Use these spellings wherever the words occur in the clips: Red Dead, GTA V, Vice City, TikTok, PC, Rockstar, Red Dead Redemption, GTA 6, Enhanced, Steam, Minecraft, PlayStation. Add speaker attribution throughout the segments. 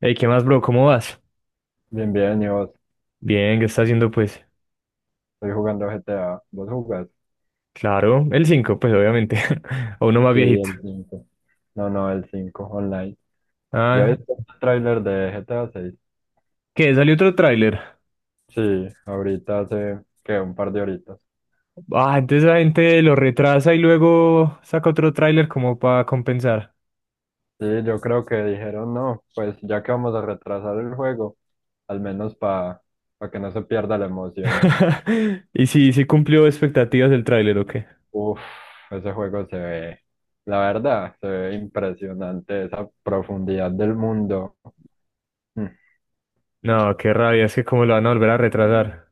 Speaker 1: Hey, ¿qué más, bro? ¿Cómo vas?
Speaker 2: Bien, bien, y vos,
Speaker 1: Bien, ¿qué está haciendo, pues?
Speaker 2: estoy jugando GTA. ¿Vos jugás?
Speaker 1: Claro, el 5, pues obviamente. A uno más
Speaker 2: Sí,
Speaker 1: viejito.
Speaker 2: el 5. No, no, el 5 online. ¿Ya
Speaker 1: Ah,
Speaker 2: viste el tráiler de GTA 6?
Speaker 1: ¿qué? ¿Salió otro tráiler?
Speaker 2: Sí, ahorita hace, que un par de horitas.
Speaker 1: Ah, entonces la gente lo retrasa y luego saca otro tráiler como para compensar.
Speaker 2: Sí, yo creo que dijeron, no, pues ya que vamos a retrasar el juego, al menos para que no se pierda la emoción.
Speaker 1: ¿Y si cumplió expectativas del tráiler o qué?
Speaker 2: Uf, ese juego se ve, la verdad, se ve impresionante, esa profundidad del mundo.
Speaker 1: No, qué rabia, es que cómo lo van a volver a retrasar.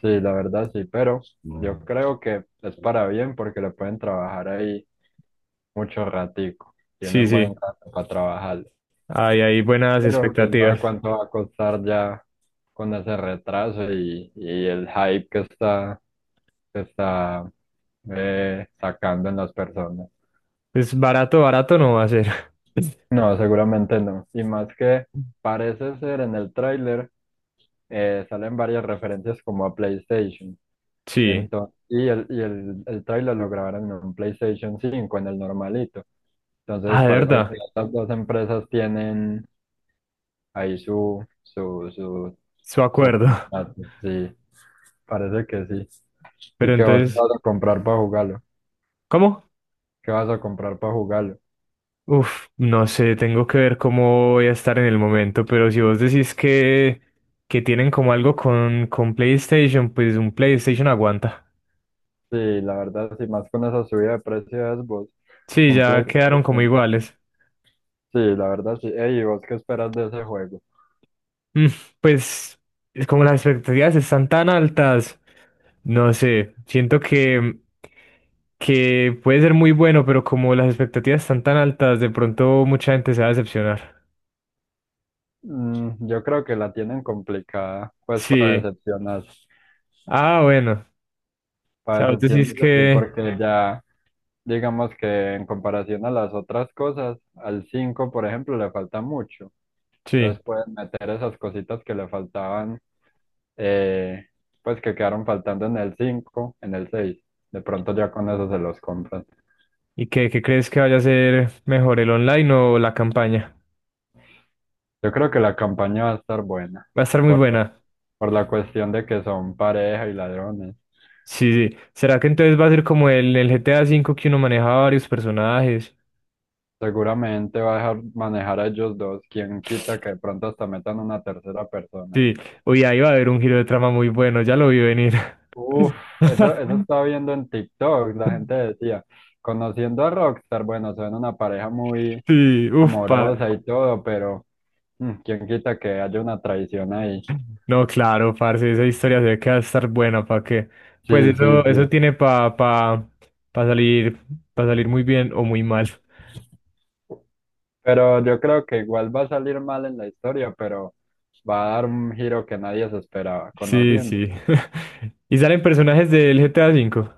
Speaker 2: Sí, la verdad sí, pero yo creo que es para bien porque le pueden trabajar ahí mucho ratico.
Speaker 1: Sí,
Speaker 2: Tienen buen
Speaker 1: sí,
Speaker 2: rato para trabajar.
Speaker 1: hay buenas
Speaker 2: Pero quién sabe
Speaker 1: expectativas.
Speaker 2: cuánto va a costar ya con ese retraso y el hype que está sacando en las personas.
Speaker 1: Pues barato, barato no va a ser.
Speaker 2: No, seguramente no. Y más que parece ser en el tráiler, salen varias referencias como a PlayStation.
Speaker 1: Sí.
Speaker 2: Entonces, el tráiler lo grabaron en un PlayStation 5 en el normalito. Entonces
Speaker 1: Ah, de
Speaker 2: parece que
Speaker 1: verdad,
Speaker 2: estas dos empresas tienen ahí su, su, su,
Speaker 1: su
Speaker 2: su
Speaker 1: acuerdo.
Speaker 2: contrato. Sí, parece que sí. ¿Y
Speaker 1: Pero
Speaker 2: que vas
Speaker 1: entonces,
Speaker 2: a comprar para jugarlo?
Speaker 1: ¿cómo?
Speaker 2: ¿Qué vas a comprar para jugarlo?
Speaker 1: Uf, no sé, tengo que ver cómo voy a estar en el momento, pero si vos decís que tienen como algo con PlayStation, pues un PlayStation aguanta.
Speaker 2: Sí, la verdad, sí, más con esa subida de precios, vos,
Speaker 1: Sí,
Speaker 2: un
Speaker 1: ya quedaron como
Speaker 2: PlayStation.
Speaker 1: iguales.
Speaker 2: Sí, la verdad, sí. Ey, ¿y vos qué esperas de ese juego?
Speaker 1: Mm, pues es como las expectativas están tan altas, no sé, siento que puede ser muy bueno, pero como las expectativas están tan altas, de pronto mucha gente se va a decepcionar.
Speaker 2: Yo creo que la tienen complicada, pues para
Speaker 1: Sí.
Speaker 2: decepcionar.
Speaker 1: Ah, bueno. O
Speaker 2: Para
Speaker 1: sea, vos decís
Speaker 2: decepcionar, sí,
Speaker 1: que...
Speaker 2: porque ya. Digamos que en comparación a las otras cosas, al 5 por ejemplo, le falta mucho.
Speaker 1: Sí.
Speaker 2: Entonces pueden meter esas cositas que le faltaban, eh, pues que quedaron faltando en el 5 en el seis. De pronto ya con eso se los compran.
Speaker 1: ¿Y qué crees que vaya a ser mejor, el online o la campaña?
Speaker 2: Yo creo que la campaña va a estar buena,
Speaker 1: Va a estar muy
Speaker 2: por,
Speaker 1: buena.
Speaker 2: por la cuestión de que son pareja y ladrones.
Speaker 1: Sí, sí. ¿Será que entonces va a ser como el GTA V que uno maneja varios personajes?
Speaker 2: Seguramente va a dejar manejar a ellos dos, quien quita que de pronto hasta metan una tercera persona.
Speaker 1: Sí. Uy, ahí va a haber un giro de trama muy bueno, ya lo vi venir.
Speaker 2: Uf, eso estaba viendo en TikTok, la gente decía, conociendo a Rockstar, bueno, son una pareja muy
Speaker 1: Sí, uff, pa.
Speaker 2: amorosa y todo, pero quién quita que haya una traición ahí.
Speaker 1: No, claro, parce, esa historia se ve que va a estar buena, ¿para qué? Pues
Speaker 2: Sí, sí,
Speaker 1: eso
Speaker 2: sí.
Speaker 1: tiene pa salir, pa salir muy bien o muy mal.
Speaker 2: Pero yo creo que igual va a salir mal en la historia, pero va a dar un giro que nadie se esperaba,
Speaker 1: Sí,
Speaker 2: conociendo.
Speaker 1: sí. ¿Y salen personajes del GTA V?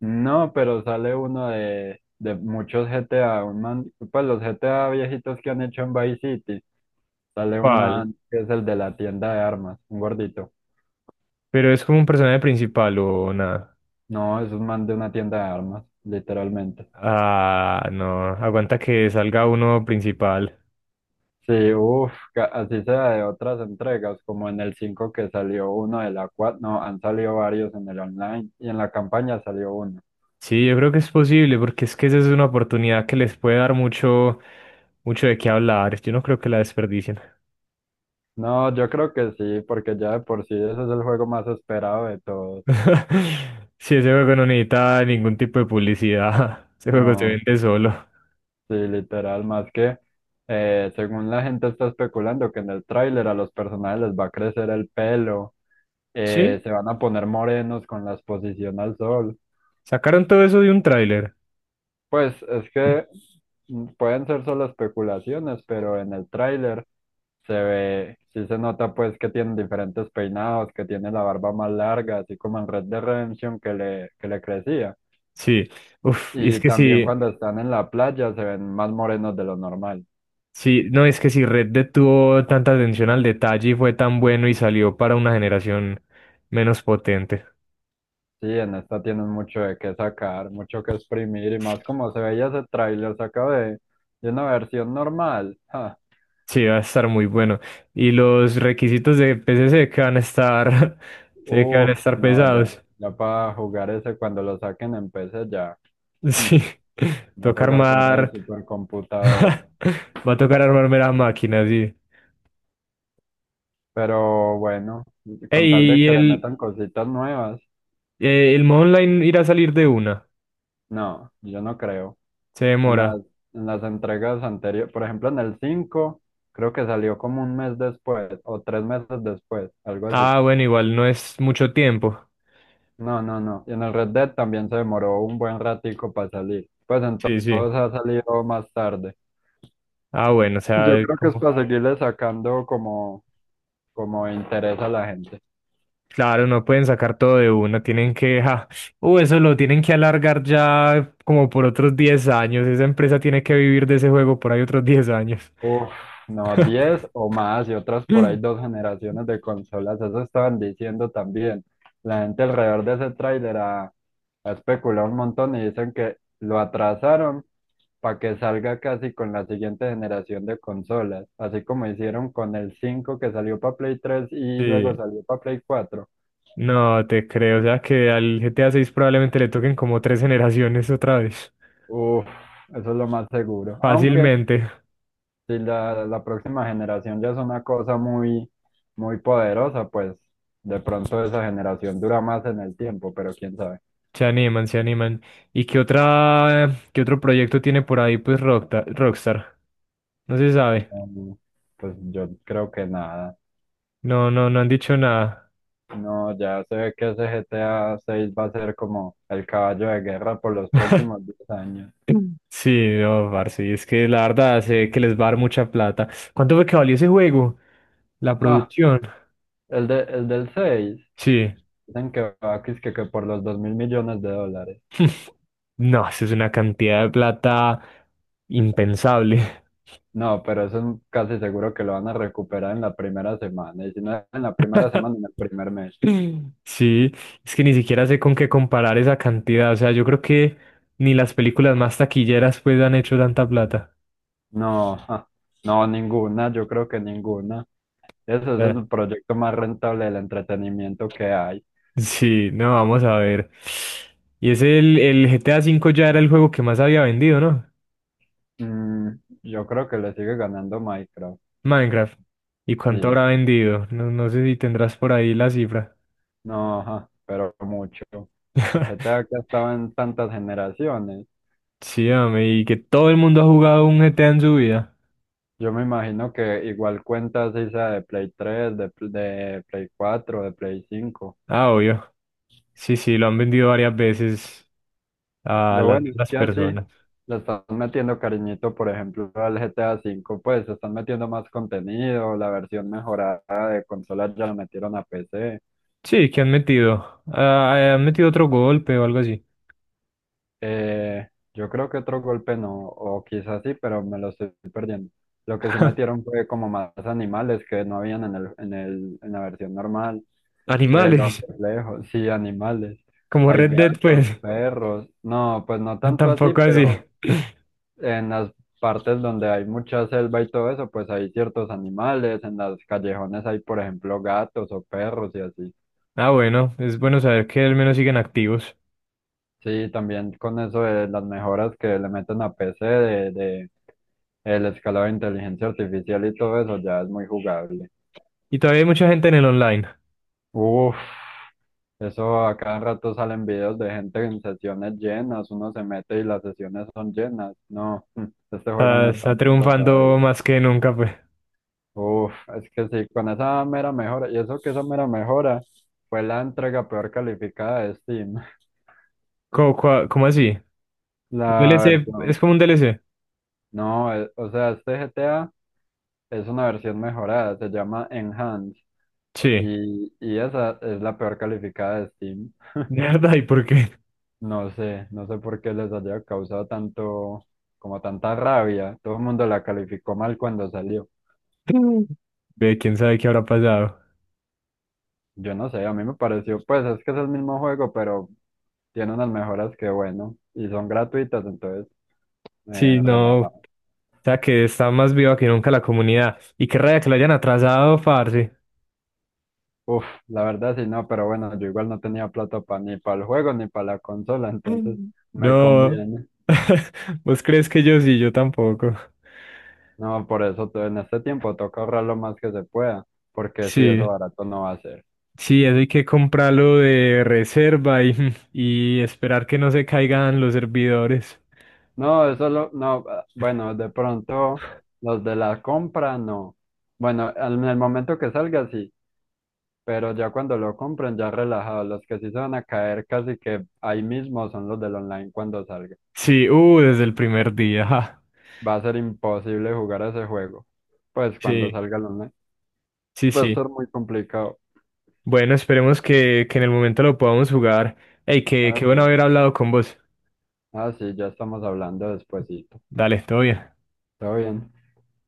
Speaker 2: No, pero sale uno de muchos GTA, un man, pues los GTA viejitos que han hecho en Vice City, sale un
Speaker 1: ¿Cuál?
Speaker 2: man que es el de la tienda de armas, un gordito.
Speaker 1: Pero es como un personaje principal o nada.
Speaker 2: No, es un man de una tienda de armas, literalmente.
Speaker 1: Ah, no, aguanta que salga uno principal.
Speaker 2: Sí, uff, así sea de otras entregas, como en el 5 que salió uno de la 4. No, han salido varios en el online y en la campaña salió uno.
Speaker 1: Sí, yo creo que es posible, porque es que esa es una oportunidad que les puede dar mucho de qué hablar. Yo no creo que la desperdicien.
Speaker 2: No, yo creo que sí, porque ya de por sí ese es el juego más esperado de todos.
Speaker 1: Sí, ese juego no necesita ningún tipo de publicidad. Ese juego se
Speaker 2: No,
Speaker 1: vende solo.
Speaker 2: sí, literal, más que según la gente está especulando que en el tráiler a los personajes les va a crecer el pelo,
Speaker 1: Sí,
Speaker 2: se van a poner morenos con la exposición al sol.
Speaker 1: sacaron todo eso de un tráiler.
Speaker 2: Pues es que pueden ser solo especulaciones, pero en el tráiler se ve, sí se nota pues que tienen diferentes peinados, que tiene la barba más larga, así como en Red Dead Redemption que le crecía.
Speaker 1: Sí, uf, y es
Speaker 2: Y
Speaker 1: que
Speaker 2: también
Speaker 1: sí.
Speaker 2: cuando están en la playa se ven más morenos de lo normal.
Speaker 1: Sí, no, es que si Red Dead tuvo tanta atención al detalle y fue tan bueno y salió para una generación menos potente.
Speaker 2: Sí, en esta tienen mucho de qué sacar, mucho que exprimir y más como se veía ese tráiler sacado de una versión normal. Ja.
Speaker 1: Sí, va a estar muy bueno. Y los requisitos de PC se que van a estar, se que van a
Speaker 2: Uf,
Speaker 1: estar
Speaker 2: no, ya,
Speaker 1: pesados.
Speaker 2: ya para jugar ese cuando lo saquen en PC ya. Mm.
Speaker 1: Sí,
Speaker 2: Va a
Speaker 1: toca
Speaker 2: tocar comprar el
Speaker 1: armar.
Speaker 2: supercomputador.
Speaker 1: Va a tocar armarme la máquina, sí.
Speaker 2: Pero bueno, con tal de
Speaker 1: Ey, y
Speaker 2: que le
Speaker 1: el,
Speaker 2: metan cositas nuevas,
Speaker 1: eh, el modo online irá a salir de una.
Speaker 2: no, yo no creo.
Speaker 1: Se
Speaker 2: En
Speaker 1: demora.
Speaker 2: las, en las entregas anteriores, por ejemplo, en el 5, creo que salió como un mes después o 3 meses después, algo así.
Speaker 1: Ah, bueno, igual no es mucho tiempo.
Speaker 2: No, no, no. Y en el Red Dead también se demoró un buen ratico para salir. Pues en
Speaker 1: Sí, sí.
Speaker 2: todos ha salido más tarde.
Speaker 1: Ah, bueno, o
Speaker 2: Yo
Speaker 1: sea,
Speaker 2: creo que es
Speaker 1: como.
Speaker 2: para seguirle sacando como interés a la gente.
Speaker 1: Claro, no pueden sacar todo de una, tienen que, ja, eso lo tienen que alargar ya como por otros 10 años, esa empresa tiene que vivir de ese juego por ahí otros 10 años.
Speaker 2: Uf, no, 10 o más y otras por ahí dos generaciones de consolas, eso estaban diciendo también. La gente alrededor de ese tráiler ha especulado un montón y dicen que lo atrasaron para que salga casi con la siguiente generación de consolas, así como hicieron con el 5 que salió para Play 3 y luego
Speaker 1: Sí,
Speaker 2: salió para Play 4.
Speaker 1: no te creo, o sea que al GTA 6 probablemente le toquen como tres generaciones otra vez,
Speaker 2: Uf, eso es lo más seguro. Aunque
Speaker 1: fácilmente,
Speaker 2: si la próxima generación ya es una cosa muy, muy poderosa, pues de pronto esa generación dura más en el tiempo, pero quién sabe.
Speaker 1: se animan, se animan. ¿Y qué otro proyecto tiene por ahí pues Rockstar? No se sabe,
Speaker 2: No, no, pues yo creo que nada.
Speaker 1: no, no, no han dicho nada.
Speaker 2: No, ya se ve que ese GTA 6 va a ser como el caballo de guerra por los próximos 10 años.
Speaker 1: Sí, no, parce, y es que la verdad sé que les va a dar mucha plata. ¿Cuánto fue que valió ese juego? La
Speaker 2: Ah,
Speaker 1: producción.
Speaker 2: el del 6
Speaker 1: Sí.
Speaker 2: dicen que va que, es que por los 2.000 millones de dólares.
Speaker 1: No, eso es una cantidad de plata impensable.
Speaker 2: No, pero eso es casi seguro que lo van a recuperar en la primera semana. Y si no es en la primera semana, en el primer mes.
Speaker 1: Sí, es que ni siquiera sé con qué comparar esa cantidad. O sea, yo creo que ni las películas más taquilleras pues han hecho tanta plata.
Speaker 2: No, ja, no, ninguna, yo creo que ninguna. Ese es
Speaker 1: Eh,
Speaker 2: el proyecto más rentable del entretenimiento que hay.
Speaker 1: Sí, no, vamos a ver. Y es el GTA V ya era el juego que más había vendido, ¿no?
Speaker 2: Mm, yo creo que le sigue ganando Minecraft,
Speaker 1: Minecraft. ¿Y cuánto
Speaker 2: sí,
Speaker 1: habrá vendido? No, no sé si tendrás por ahí la cifra.
Speaker 2: no, ja, pero mucho. GTA que ha estado en tantas generaciones.
Speaker 1: Sí, hombre, y que todo el mundo ha jugado un GTA en su vida.
Speaker 2: Yo me imagino que igual cuentas esa de Play 3, de Play 4, de Play 5.
Speaker 1: Ah, obvio. Sí, sí, lo han vendido varias veces a
Speaker 2: Lo
Speaker 1: las
Speaker 2: bueno es
Speaker 1: mismas
Speaker 2: que así
Speaker 1: personas.
Speaker 2: le están metiendo cariñito, por ejemplo, al GTA 5 pues están metiendo más contenido, la versión mejorada de consola ya la metieron a PC.
Speaker 1: Sí, que han metido. Ah, han metido otro golpe o algo así.
Speaker 2: Eh, yo creo que otro golpe no, o quizás sí, pero me lo estoy perdiendo. Lo que sí metieron fue como más animales que no habían en la versión normal. Los
Speaker 1: Animales,
Speaker 2: reflejos, sí, animales.
Speaker 1: como
Speaker 2: Hay
Speaker 1: Red Dead,
Speaker 2: gatos,
Speaker 1: pues.
Speaker 2: perros. No, pues no tanto así,
Speaker 1: Tampoco así.
Speaker 2: pero. En las partes donde hay mucha selva y todo eso, pues hay ciertos animales, en las callejones hay, por ejemplo, gatos o perros y así.
Speaker 1: Ah, bueno, es bueno saber que al menos siguen activos.
Speaker 2: Sí, también con eso de las mejoras que le meten a PC de el escalado de inteligencia artificial y todo eso ya es muy jugable.
Speaker 1: Y todavía hay mucha gente en el online.
Speaker 2: Uf, eso a cada rato salen videos de gente en sesiones llenas, uno se mete y las sesiones son llenas. No, este juego
Speaker 1: Está,
Speaker 2: no está
Speaker 1: está
Speaker 2: muerto todavía.
Speaker 1: triunfando más que nunca, pues.
Speaker 2: Uf, es que sí, con esa mera mejora, y eso que esa mera mejora fue la entrega peor calificada de Steam.
Speaker 1: ¿Cómo así? El
Speaker 2: La
Speaker 1: DLC es
Speaker 2: versión,
Speaker 1: como un DLC.
Speaker 2: no, o sea, este GTA es una versión mejorada, se llama Enhanced,
Speaker 1: Sí, de
Speaker 2: y esa es la peor calificada de Steam.
Speaker 1: verdad, ¿y por qué?
Speaker 2: No sé por qué les haya causado tanto, como tanta rabia. Todo el mundo la calificó mal cuando salió.
Speaker 1: Ve, quién sabe qué habrá pasado.
Speaker 2: Yo no sé, a mí me pareció, pues es que es el mismo juego, pero tiene unas mejoras que bueno, y son gratuitas, entonces.
Speaker 1: Sí, no, o
Speaker 2: Relajado.
Speaker 1: sea que está más viva que nunca la comunidad. Y qué raya que la hayan atrasado, parce.
Speaker 2: Uf, la verdad sí, no, pero bueno, yo igual no tenía plata ni para el juego ni para la consola, entonces
Speaker 1: Mm.
Speaker 2: me
Speaker 1: No.
Speaker 2: conviene.
Speaker 1: ¿Vos crees que yo sí? Yo tampoco.
Speaker 2: No, por eso en este tiempo toca ahorrar lo más que se pueda, porque si eso
Speaker 1: Sí,
Speaker 2: barato no va a ser.
Speaker 1: sí, eso hay que comprarlo de reserva y, y esperar que no se caigan los servidores.
Speaker 2: No, no, ah, bueno, de pronto los de la compra no. Bueno, en el momento que salga sí, pero ya cuando lo compren ya relajado, los que sí se van a caer casi que ahí mismo son los del online cuando salga.
Speaker 1: Sí, desde el primer día. Ajá.
Speaker 2: Va a ser imposible jugar ese juego. Pues cuando
Speaker 1: Sí,
Speaker 2: salga el online.
Speaker 1: sí,
Speaker 2: Va a
Speaker 1: sí.
Speaker 2: ser muy complicado.
Speaker 1: Bueno, esperemos que en el momento lo podamos jugar. Ey, qué,
Speaker 2: Ah,
Speaker 1: qué bueno
Speaker 2: sí.
Speaker 1: haber hablado con vos.
Speaker 2: Ah, sí, ya estamos hablando despuesito.
Speaker 1: Dale, todo bien.
Speaker 2: Todo bien.